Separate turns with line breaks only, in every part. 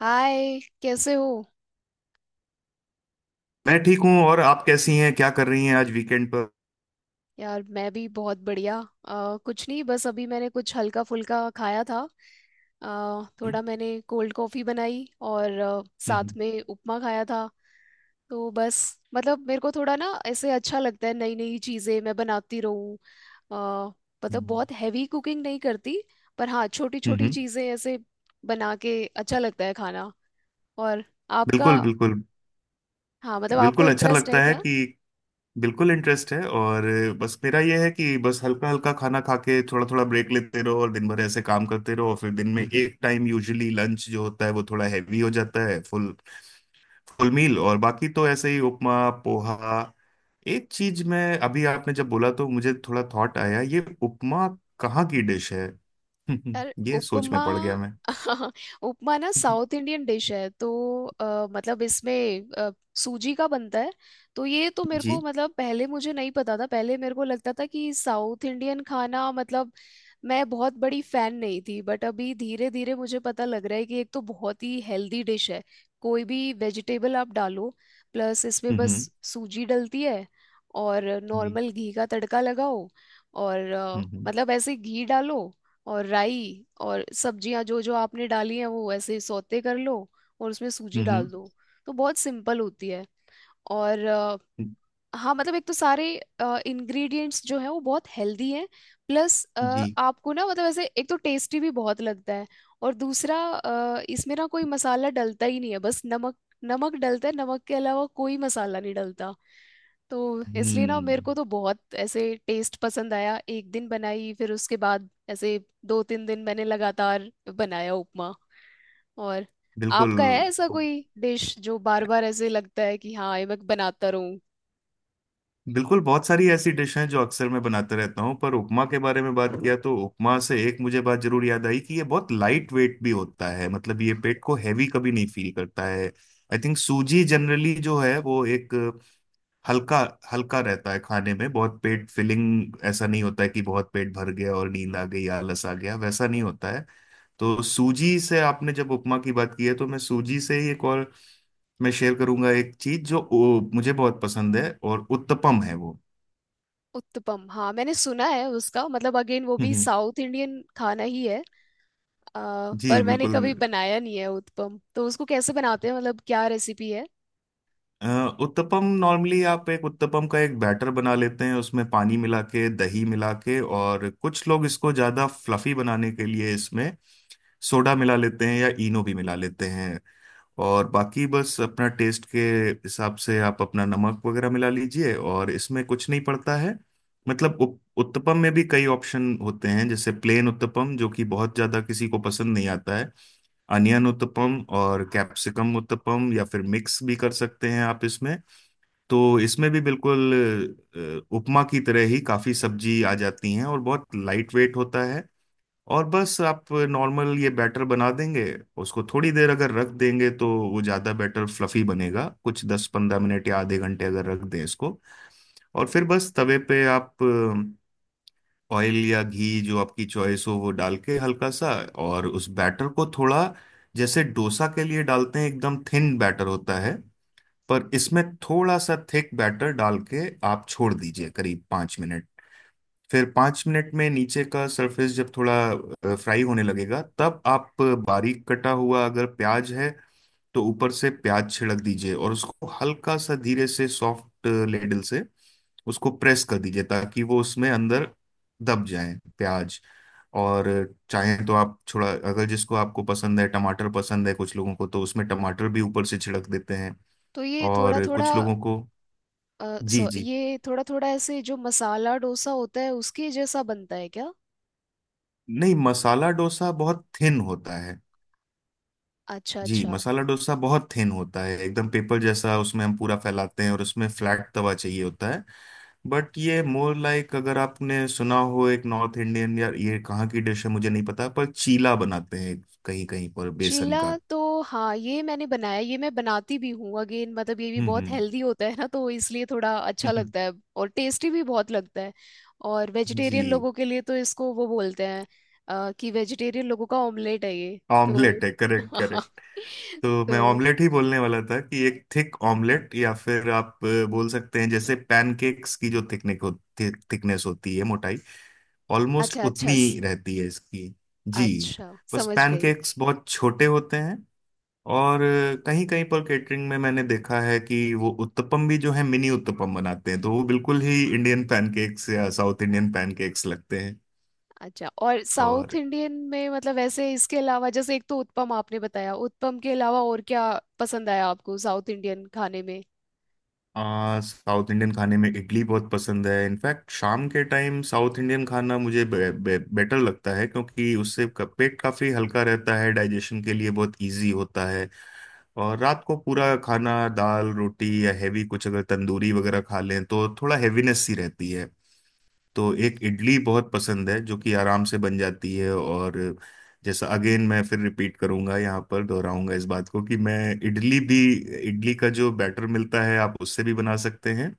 हाय, कैसे हो।
मैं ठीक हूँ। और आप कैसी हैं? क्या कर रही हैं आज वीकेंड पर?
यार, मैं भी बहुत बढ़िया। कुछ नहीं, बस अभी मैंने कुछ हल्का फुल्का खाया था। थोड़ा मैंने कोल्ड कॉफ़ी बनाई और साथ
हम्म।
में उपमा खाया था। तो बस, मतलब मेरे को थोड़ा ना ऐसे अच्छा लगता है नई नई चीज़ें मैं बनाती रहूँ। अ, मतलब
हम्म।
बहुत हैवी कुकिंग नहीं करती, पर हाँ, छोटी छोटी
हम्म।
चीज़ें ऐसे बना के अच्छा लगता है खाना। और आपका?
बिल्कुल, बिल्कुल।
हाँ, मतलब आपको
बिल्कुल अच्छा
इंटरेस्ट
लगता
है
है
क्या?
कि बिल्कुल इंटरेस्ट है। और बस मेरा यह है कि बस हल्का हल्का खाना खा के थोड़ा थोड़ा ब्रेक लेते रहो और दिन भर ऐसे काम करते रहो, और फिर दिन में एक टाइम यूजुअली लंच जो होता है वो थोड़ा हैवी हो जाता है, फुल फुल मील। और बाकी तो ऐसे ही उपमा, पोहा। एक चीज, मैं अभी आपने जब बोला तो मुझे थोड़ा थॉट आया, ये उपमा कहाँ की डिश है?
यार,
ये सोच
उपमा।
में पड़ गया।
उपमा ना
हम्म।
साउथ इंडियन डिश है, तो मतलब इसमें सूजी का बनता है। तो ये तो मेरे को,
जी।
मतलब पहले मुझे नहीं पता था, पहले मेरे को लगता था कि साउथ इंडियन खाना मतलब मैं बहुत बड़ी फैन नहीं थी, बट अभी धीरे धीरे मुझे पता लग रहा है कि एक तो बहुत ही हेल्दी डिश है। कोई भी वेजिटेबल आप डालो, प्लस इसमें बस
हम्म।
सूजी डलती है और
जी।
नॉर्मल घी का तड़का लगाओ। और
हम्म।
मतलब ऐसे घी डालो और राई और सब्जियां जो जो आपने डाली हैं वो ऐसे सौते कर लो और उसमें सूजी डाल
हम्म।
दो। तो बहुत सिंपल होती है। और हाँ, मतलब एक तो सारे इंग्रेडिएंट्स जो है वो बहुत हेल्दी हैं। प्लस
जी।
आपको ना, मतलब ऐसे एक तो टेस्टी भी बहुत लगता है और दूसरा इसमें ना कोई मसाला डलता ही नहीं है, बस नमक। नमक डलता है, नमक के अलावा कोई मसाला नहीं डलता। तो इसलिए ना मेरे
हम्म।
को तो बहुत ऐसे टेस्ट पसंद आया। एक दिन बनाई, फिर उसके बाद ऐसे दो तीन दिन मैंने लगातार बनाया उपमा। और
बिल्कुल,
आपका है ऐसा कोई डिश जो बार बार ऐसे लगता है कि हाँ ये मैं बनाता रहूं?
बिल्कुल। बहुत सारी ऐसी डिश हैं जो अक्सर मैं बनाते रहता हूँ, पर उपमा के बारे में बात किया तो उपमा से एक मुझे बात जरूर याद आई कि ये बहुत लाइट वेट भी होता है। मतलब ये पेट को हैवी कभी नहीं फील करता है। आई थिंक सूजी जनरली जो है वो एक हल्का हल्का रहता है खाने में। बहुत पेट फिलिंग ऐसा नहीं होता है कि बहुत पेट भर गया और नींद आ गई, आलस आ गया, वैसा नहीं होता है। तो सूजी से आपने जब उपमा की बात की है, तो मैं सूजी से ही एक और मैं शेयर करूंगा, एक चीज जो मुझे बहुत पसंद है, और उत्तपम है वो।
उत्तपम, हाँ मैंने सुना है उसका, मतलब अगेन वो भी
हम्म।
साउथ इंडियन खाना ही है। पर
जी
मैंने
बिल्कुल।
कभी बनाया नहीं है उत्पम, तो उसको कैसे बनाते हैं, मतलब क्या रेसिपी है?
अ, उत्तपम नॉर्मली आप एक उत्तपम का एक बैटर बना लेते हैं, उसमें पानी मिला के, दही मिला के, और कुछ लोग इसको ज्यादा फ्लफी बनाने के लिए इसमें सोडा मिला लेते हैं या इनो भी मिला लेते हैं। और बाकी बस अपना टेस्ट के हिसाब से आप अपना नमक वगैरह मिला लीजिए, और इसमें कुछ नहीं पड़ता है। मतलब उत्तपम में भी कई ऑप्शन होते हैं, जैसे प्लेन उत्तपम जो कि बहुत ज्यादा किसी को पसंद नहीं आता है, अनियन उत्तपम और कैप्सिकम उत्तपम, या फिर मिक्स भी कर सकते हैं आप इसमें। तो इसमें भी बिल्कुल उपमा की तरह ही काफी सब्जी आ जाती हैं और बहुत लाइट वेट होता है। और बस आप नॉर्मल ये बैटर बना देंगे, उसको थोड़ी देर अगर रख देंगे तो वो ज़्यादा बैटर फ्लफी बनेगा, कुछ 10-15 मिनट या आधे घंटे अगर रख दें इसको। और फिर बस तवे पे आप ऑयल या घी जो आपकी चॉइस हो वो डाल के हल्का सा, और उस बैटर को थोड़ा, जैसे डोसा के लिए डालते हैं एकदम थिन बैटर होता है, पर इसमें थोड़ा सा थिक बैटर डाल के आप छोड़ दीजिए करीब 5 मिनट। फिर 5 मिनट में नीचे का सरफेस जब थोड़ा फ्राई होने लगेगा, तब आप बारीक कटा हुआ अगर प्याज है तो ऊपर से प्याज छिड़क दीजिए, और उसको हल्का सा धीरे से सॉफ्ट लेडल से उसको प्रेस कर दीजिए ताकि वो उसमें अंदर दब जाए, प्याज। और चाहे तो आप थोड़ा, अगर जिसको आपको पसंद है, टमाटर पसंद है कुछ लोगों को, तो उसमें टमाटर भी ऊपर से छिड़क देते हैं।
तो ये थोड़ा
और
थोड़ा
कुछ लोगों को। जी,
सो
जी।
ये थोड़ा थोड़ा ऐसे जो मसाला डोसा होता है उसके जैसा बनता है क्या?
नहीं, मसाला डोसा बहुत थिन होता है।
अच्छा
जी,
अच्छा।
मसाला डोसा बहुत थिन होता है, एकदम पेपर जैसा। उसमें हम पूरा फैलाते हैं और उसमें फ्लैट तवा चाहिए होता है। बट ये मोर लाइक, अगर आपने सुना हो, एक नॉर्थ इंडियन, या ये कहाँ की डिश है मुझे नहीं पता, पर चीला बनाते हैं कहीं कहीं पर,
चीला,
बेसन का।
तो हाँ ये मैंने बनाया, ये मैं बनाती भी हूँ। अगेन, मतलब ये भी बहुत
हम्म।
हेल्दी होता है ना, तो इसलिए थोड़ा अच्छा
हम्म।
लगता है। और टेस्टी भी बहुत लगता है। और
जी।
वेजिटेरियन लोगों के लिए तो इसको वो बोलते हैं कि वेजिटेरियन लोगों का ऑमलेट है ये। तो
ऑमलेट है, करेक्ट, करेक्ट। तो मैं
तो
ऑमलेट ही बोलने वाला था कि एक थिक ऑमलेट, या फिर आप बोल सकते हैं जैसे पैनकेक्स की जो थिकनेस हो, थिकनेस होती है, मोटाई ऑलमोस्ट
अच्छा
उतनी
अच्छा
ही रहती है इसकी। जी।
अच्छा,
बस
समझ गई।
पैनकेक्स बहुत छोटे होते हैं। और कहीं कहीं पर केटरिंग में मैंने देखा है कि वो उत्तपम भी जो है मिनी उत्तपम बनाते हैं, तो वो बिल्कुल ही इंडियन पैनकेक्स या साउथ इंडियन पैनकेक्स लगते हैं।
अच्छा, और साउथ
और
इंडियन में मतलब ऐसे इसके अलावा, जैसे एक तो उत्पम आपने बताया, उत्पम के अलावा और क्या पसंद आया आपको साउथ इंडियन खाने में?
साउथ इंडियन खाने में इडली बहुत पसंद है। इनफैक्ट शाम के टाइम साउथ इंडियन खाना मुझे बे, बे, बेटर लगता है, क्योंकि उससे पेट काफी हल्का रहता है, डाइजेशन के लिए बहुत इजी होता है। और रात को पूरा खाना दाल रोटी या हैवी कुछ अगर तंदूरी वगैरह खा लें तो थोड़ा हैवीनेस सी रहती है। तो एक इडली बहुत पसंद है जो कि आराम से बन जाती है। और जैसा, अगेन मैं फिर रिपीट करूंगा, यहाँ पर दोहराऊंगा इस बात को कि मैं इडली भी, इडली का जो बैटर मिलता है आप उससे भी बना सकते हैं,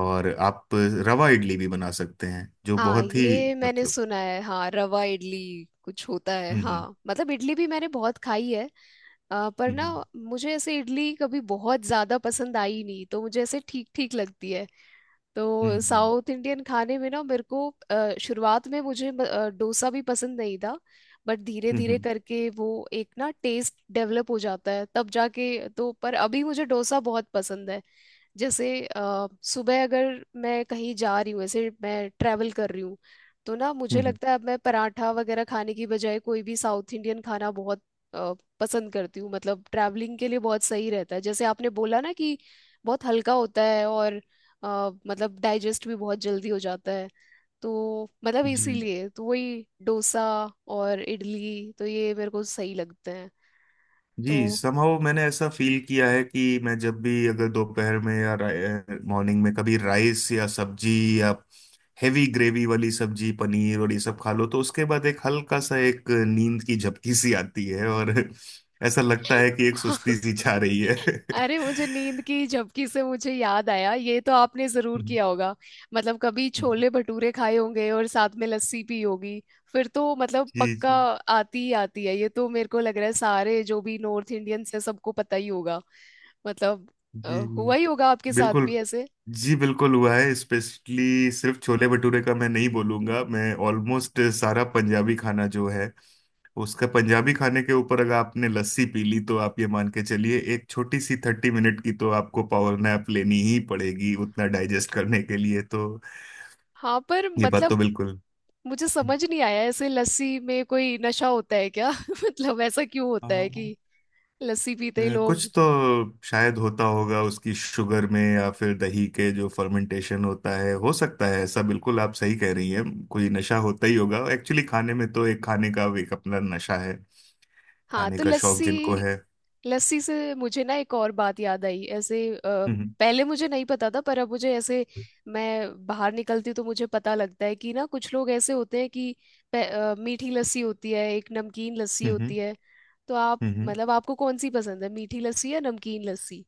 और आप रवा इडली भी बना सकते हैं जो
हाँ
बहुत ही,
ये मैंने
मतलब।
सुना है, हाँ रवा इडली कुछ होता है,
हम्म।
हाँ। मतलब इडली भी मैंने बहुत खाई है, पर ना
हम्म।
मुझे ऐसे इडली कभी बहुत ज्यादा पसंद आई नहीं, तो मुझे ऐसे ठीक ठीक लगती है।
हम्म।
तो
हम्म।
साउथ इंडियन खाने में ना मेरे को शुरुआत में मुझे डोसा भी पसंद नहीं था, बट धीरे
हम्म।
धीरे
हम्म।
करके वो एक ना टेस्ट डेवलप हो जाता है तब जाके। तो पर अभी मुझे डोसा बहुत पसंद है। जैसे सुबह अगर मैं कहीं जा रही हूँ, ऐसे मैं ट्रैवल कर रही हूँ, तो ना
हम्म।
मुझे
हम्म। हम्म।
लगता है अब मैं पराठा वगैरह खाने की बजाय कोई भी साउथ इंडियन खाना बहुत अ, पसंद करती हूँ। मतलब ट्रैवलिंग के लिए बहुत सही रहता है, जैसे आपने बोला ना कि बहुत हल्का होता है और मतलब डाइजेस्ट भी बहुत जल्दी हो जाता है। तो मतलब
जी,
इसीलिए तो वही डोसा और इडली, तो ये मेरे को सही लगते हैं।
जी।
तो
समहाउ मैंने ऐसा फील किया है कि मैं जब भी अगर दोपहर में या मॉर्निंग में कभी राइस या सब्जी, या हेवी ग्रेवी वाली सब्जी पनीर और ये सब खा लो, तो उसके बाद एक हल्का सा एक नींद की झपकी सी आती है, और ऐसा लगता है कि एक सुस्ती सी छा रही है।
अरे, मुझे नींद की झपकी से मुझे याद आया, ये तो आपने जरूर
हम्म।
किया होगा। मतलब कभी
हम्म।
छोले भटूरे खाए होंगे और साथ में लस्सी पी होगी, फिर तो मतलब
जी।
पक्का
जी।
आती ही आती है। ये तो मेरे को लग रहा है सारे जो भी नॉर्थ इंडियंस है सबको पता ही होगा, मतलब अ,
जी
हुआ ही होगा आपके साथ
बिल्कुल।
भी ऐसे।
जी बिल्कुल, हुआ है। स्पेशली सिर्फ छोले भटूरे का मैं नहीं बोलूंगा, मैं ऑलमोस्ट सारा पंजाबी खाना जो है उसका, पंजाबी खाने के ऊपर अगर आपने लस्सी पी ली तो आप ये मान के चलिए एक छोटी सी 30 मिनट की तो आपको पावर नैप लेनी ही पड़ेगी उतना डाइजेस्ट करने के लिए, तो
हाँ, पर
ये बात तो
मतलब
बिल्कुल।
मुझे समझ नहीं आया, ऐसे लस्सी में कोई नशा होता है क्या? मतलब ऐसा क्यों होता
हाँ।
है कि लस्सी पीते ही
कुछ
लोग।
तो शायद होता होगा उसकी शुगर में या फिर दही के जो फर्मेंटेशन होता है, हो सकता है ऐसा। बिल्कुल आप सही कह रही हैं, कोई नशा होता ही होगा एक्चुअली खाने में। तो एक खाने का एक अपना नशा है,
हाँ,
खाने
तो
का शौक
लस्सी
जिनको है।
लस्सी से मुझे ना एक और बात याद आई ऐसे।
हम्म।
पहले मुझे नहीं पता था, पर अब मुझे ऐसे, मैं बाहर निकलती हूँ तो मुझे पता लगता है कि ना कुछ लोग ऐसे होते हैं कि मीठी लस्सी होती है, एक नमकीन लस्सी
हम्म। हम्म।
होती है। तो आप,
हम्म। हम्म।
मतलब आपको कौन सी पसंद है, मीठी लस्सी या नमकीन लस्सी?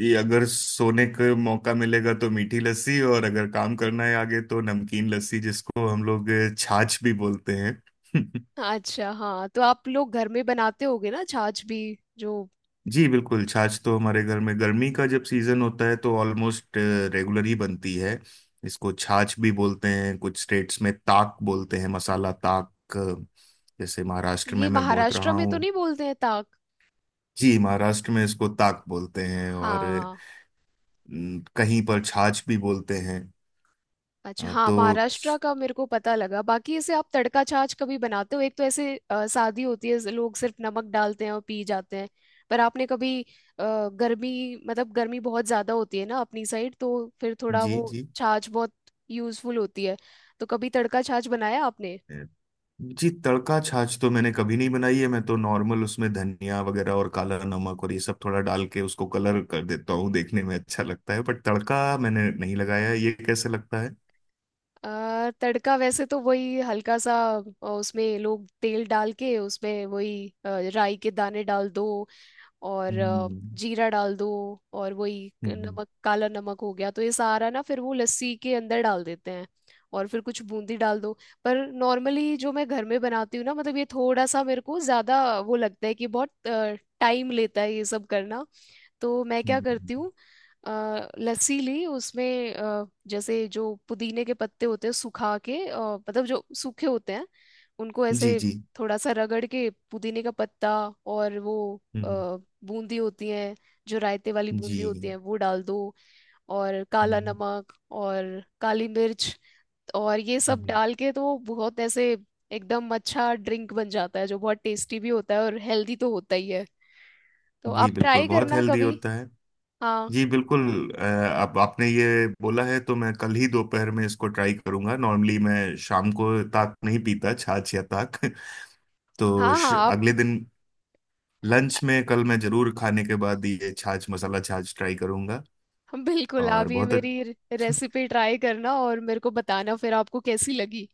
ये अगर सोने का मौका मिलेगा तो मीठी लस्सी, और अगर काम करना है आगे तो नमकीन लस्सी, जिसको हम लोग छाछ भी बोलते हैं।
अच्छा, हाँ, तो आप लोग घर में बनाते होगे ना छाछ भी, जो
जी बिल्कुल। छाछ तो हमारे घर में गर्मी का जब सीजन होता है तो ऑलमोस्ट रेगुलर ही बनती है। इसको छाछ भी बोलते हैं, कुछ स्टेट्स में ताक बोलते हैं, मसाला ताक। जैसे महाराष्ट्र
ये
में मैं बहुत
महाराष्ट्र
रहा
में तो
हूँ।
नहीं बोलते हैं ताक?
जी महाराष्ट्र में इसको ताक बोलते हैं। और
हाँ,
न, कहीं पर छाछ भी बोलते हैं।
अच्छा, हाँ,
तो।
महाराष्ट्र का मेरे को पता लगा। बाकी इसे आप तड़का छाछ कभी बनाते हो? एक तो ऐसे सादी होती है, लोग सिर्फ नमक डालते हैं और पी जाते हैं। पर आपने कभी गर्मी, मतलब गर्मी बहुत ज्यादा होती है ना अपनी साइड, तो फिर थोड़ा
जी।
वो
जी।
छाछ बहुत यूजफुल होती है। तो कभी तड़का छाछ बनाया आपने?
जी तड़का छाछ तो मैंने कभी नहीं बनाई है, मैं तो नॉर्मल उसमें धनिया वगैरह और काला नमक और ये सब थोड़ा डाल के उसको कलर कर देता हूँ, देखने में अच्छा लगता है, बट तड़का मैंने नहीं लगाया है। ये कैसे लगता है?
तड़का वैसे तो वही हल्का सा उसमें लोग तेल डाल के उसमें वही राई के दाने डाल दो और
हम्म।
जीरा डाल दो और वही
हम्म।
नमक, काला नमक हो गया, तो ये सारा ना फिर वो लस्सी के अंदर डाल देते हैं और फिर कुछ बूंदी डाल दो। पर नॉर्मली जो मैं घर में बनाती हूँ ना, मतलब ये थोड़ा सा मेरे को ज्यादा वो लगता है कि बहुत टाइम लेता है ये सब करना। तो मैं क्या करती
हम्म।
हूँ, लस्सी ली, उसमें जैसे जो पुदीने के पत्ते होते हैं सुखा के, मतलब जो सूखे होते हैं, उनको
जी।
ऐसे
जी।
थोड़ा सा रगड़ के, पुदीने का पत्ता, और वो अ,
हम्म।
बूंदी होती है, जो रायते वाली बूंदी होती
जी।
है, वो डाल दो और काला
हम्म।
नमक और काली मिर्च, और ये सब
हम्म।
डाल के तो बहुत ऐसे एकदम अच्छा ड्रिंक बन जाता है, जो बहुत टेस्टी भी होता है और हेल्दी तो होता ही है। तो
जी
आप
बिल्कुल,
ट्राई
बहुत
करना
हेल्दी
कभी।
होता है।
हाँ,
जी बिल्कुल। आप आपने ये बोला है तो मैं कल ही दोपहर में इसको ट्राई करूंगा। नॉर्मली मैं शाम को ताक नहीं पीता, छाछ या ताक। तो
हाँ आप।
अगले दिन लंच में कल मैं जरूर खाने के बाद ये छाछ, मसाला छाछ ट्राई करूंगा।
बिल्कुल,
और
आप ये
बहुत
मेरी
अच्छ-
रेसिपी ट्राई करना और मेरे को बताना फिर आपको कैसी लगी।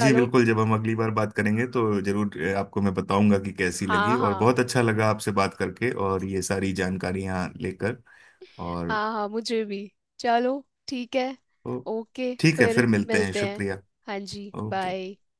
जी बिल्कुल, जब हम अगली बार बात करेंगे तो जरूर आपको मैं बताऊंगा कि कैसी
हाँ
लगी। और
हाँ
बहुत अच्छा लगा आपसे बात करके, और ये सारी जानकारियां लेकर, और
हाँ हाँ मुझे भी। चलो, ठीक है।
ओ,
ओके,
ठीक है
फिर
फिर मिलते हैं,
मिलते हैं।
शुक्रिया।
हाँ जी,
ओके।
बाय।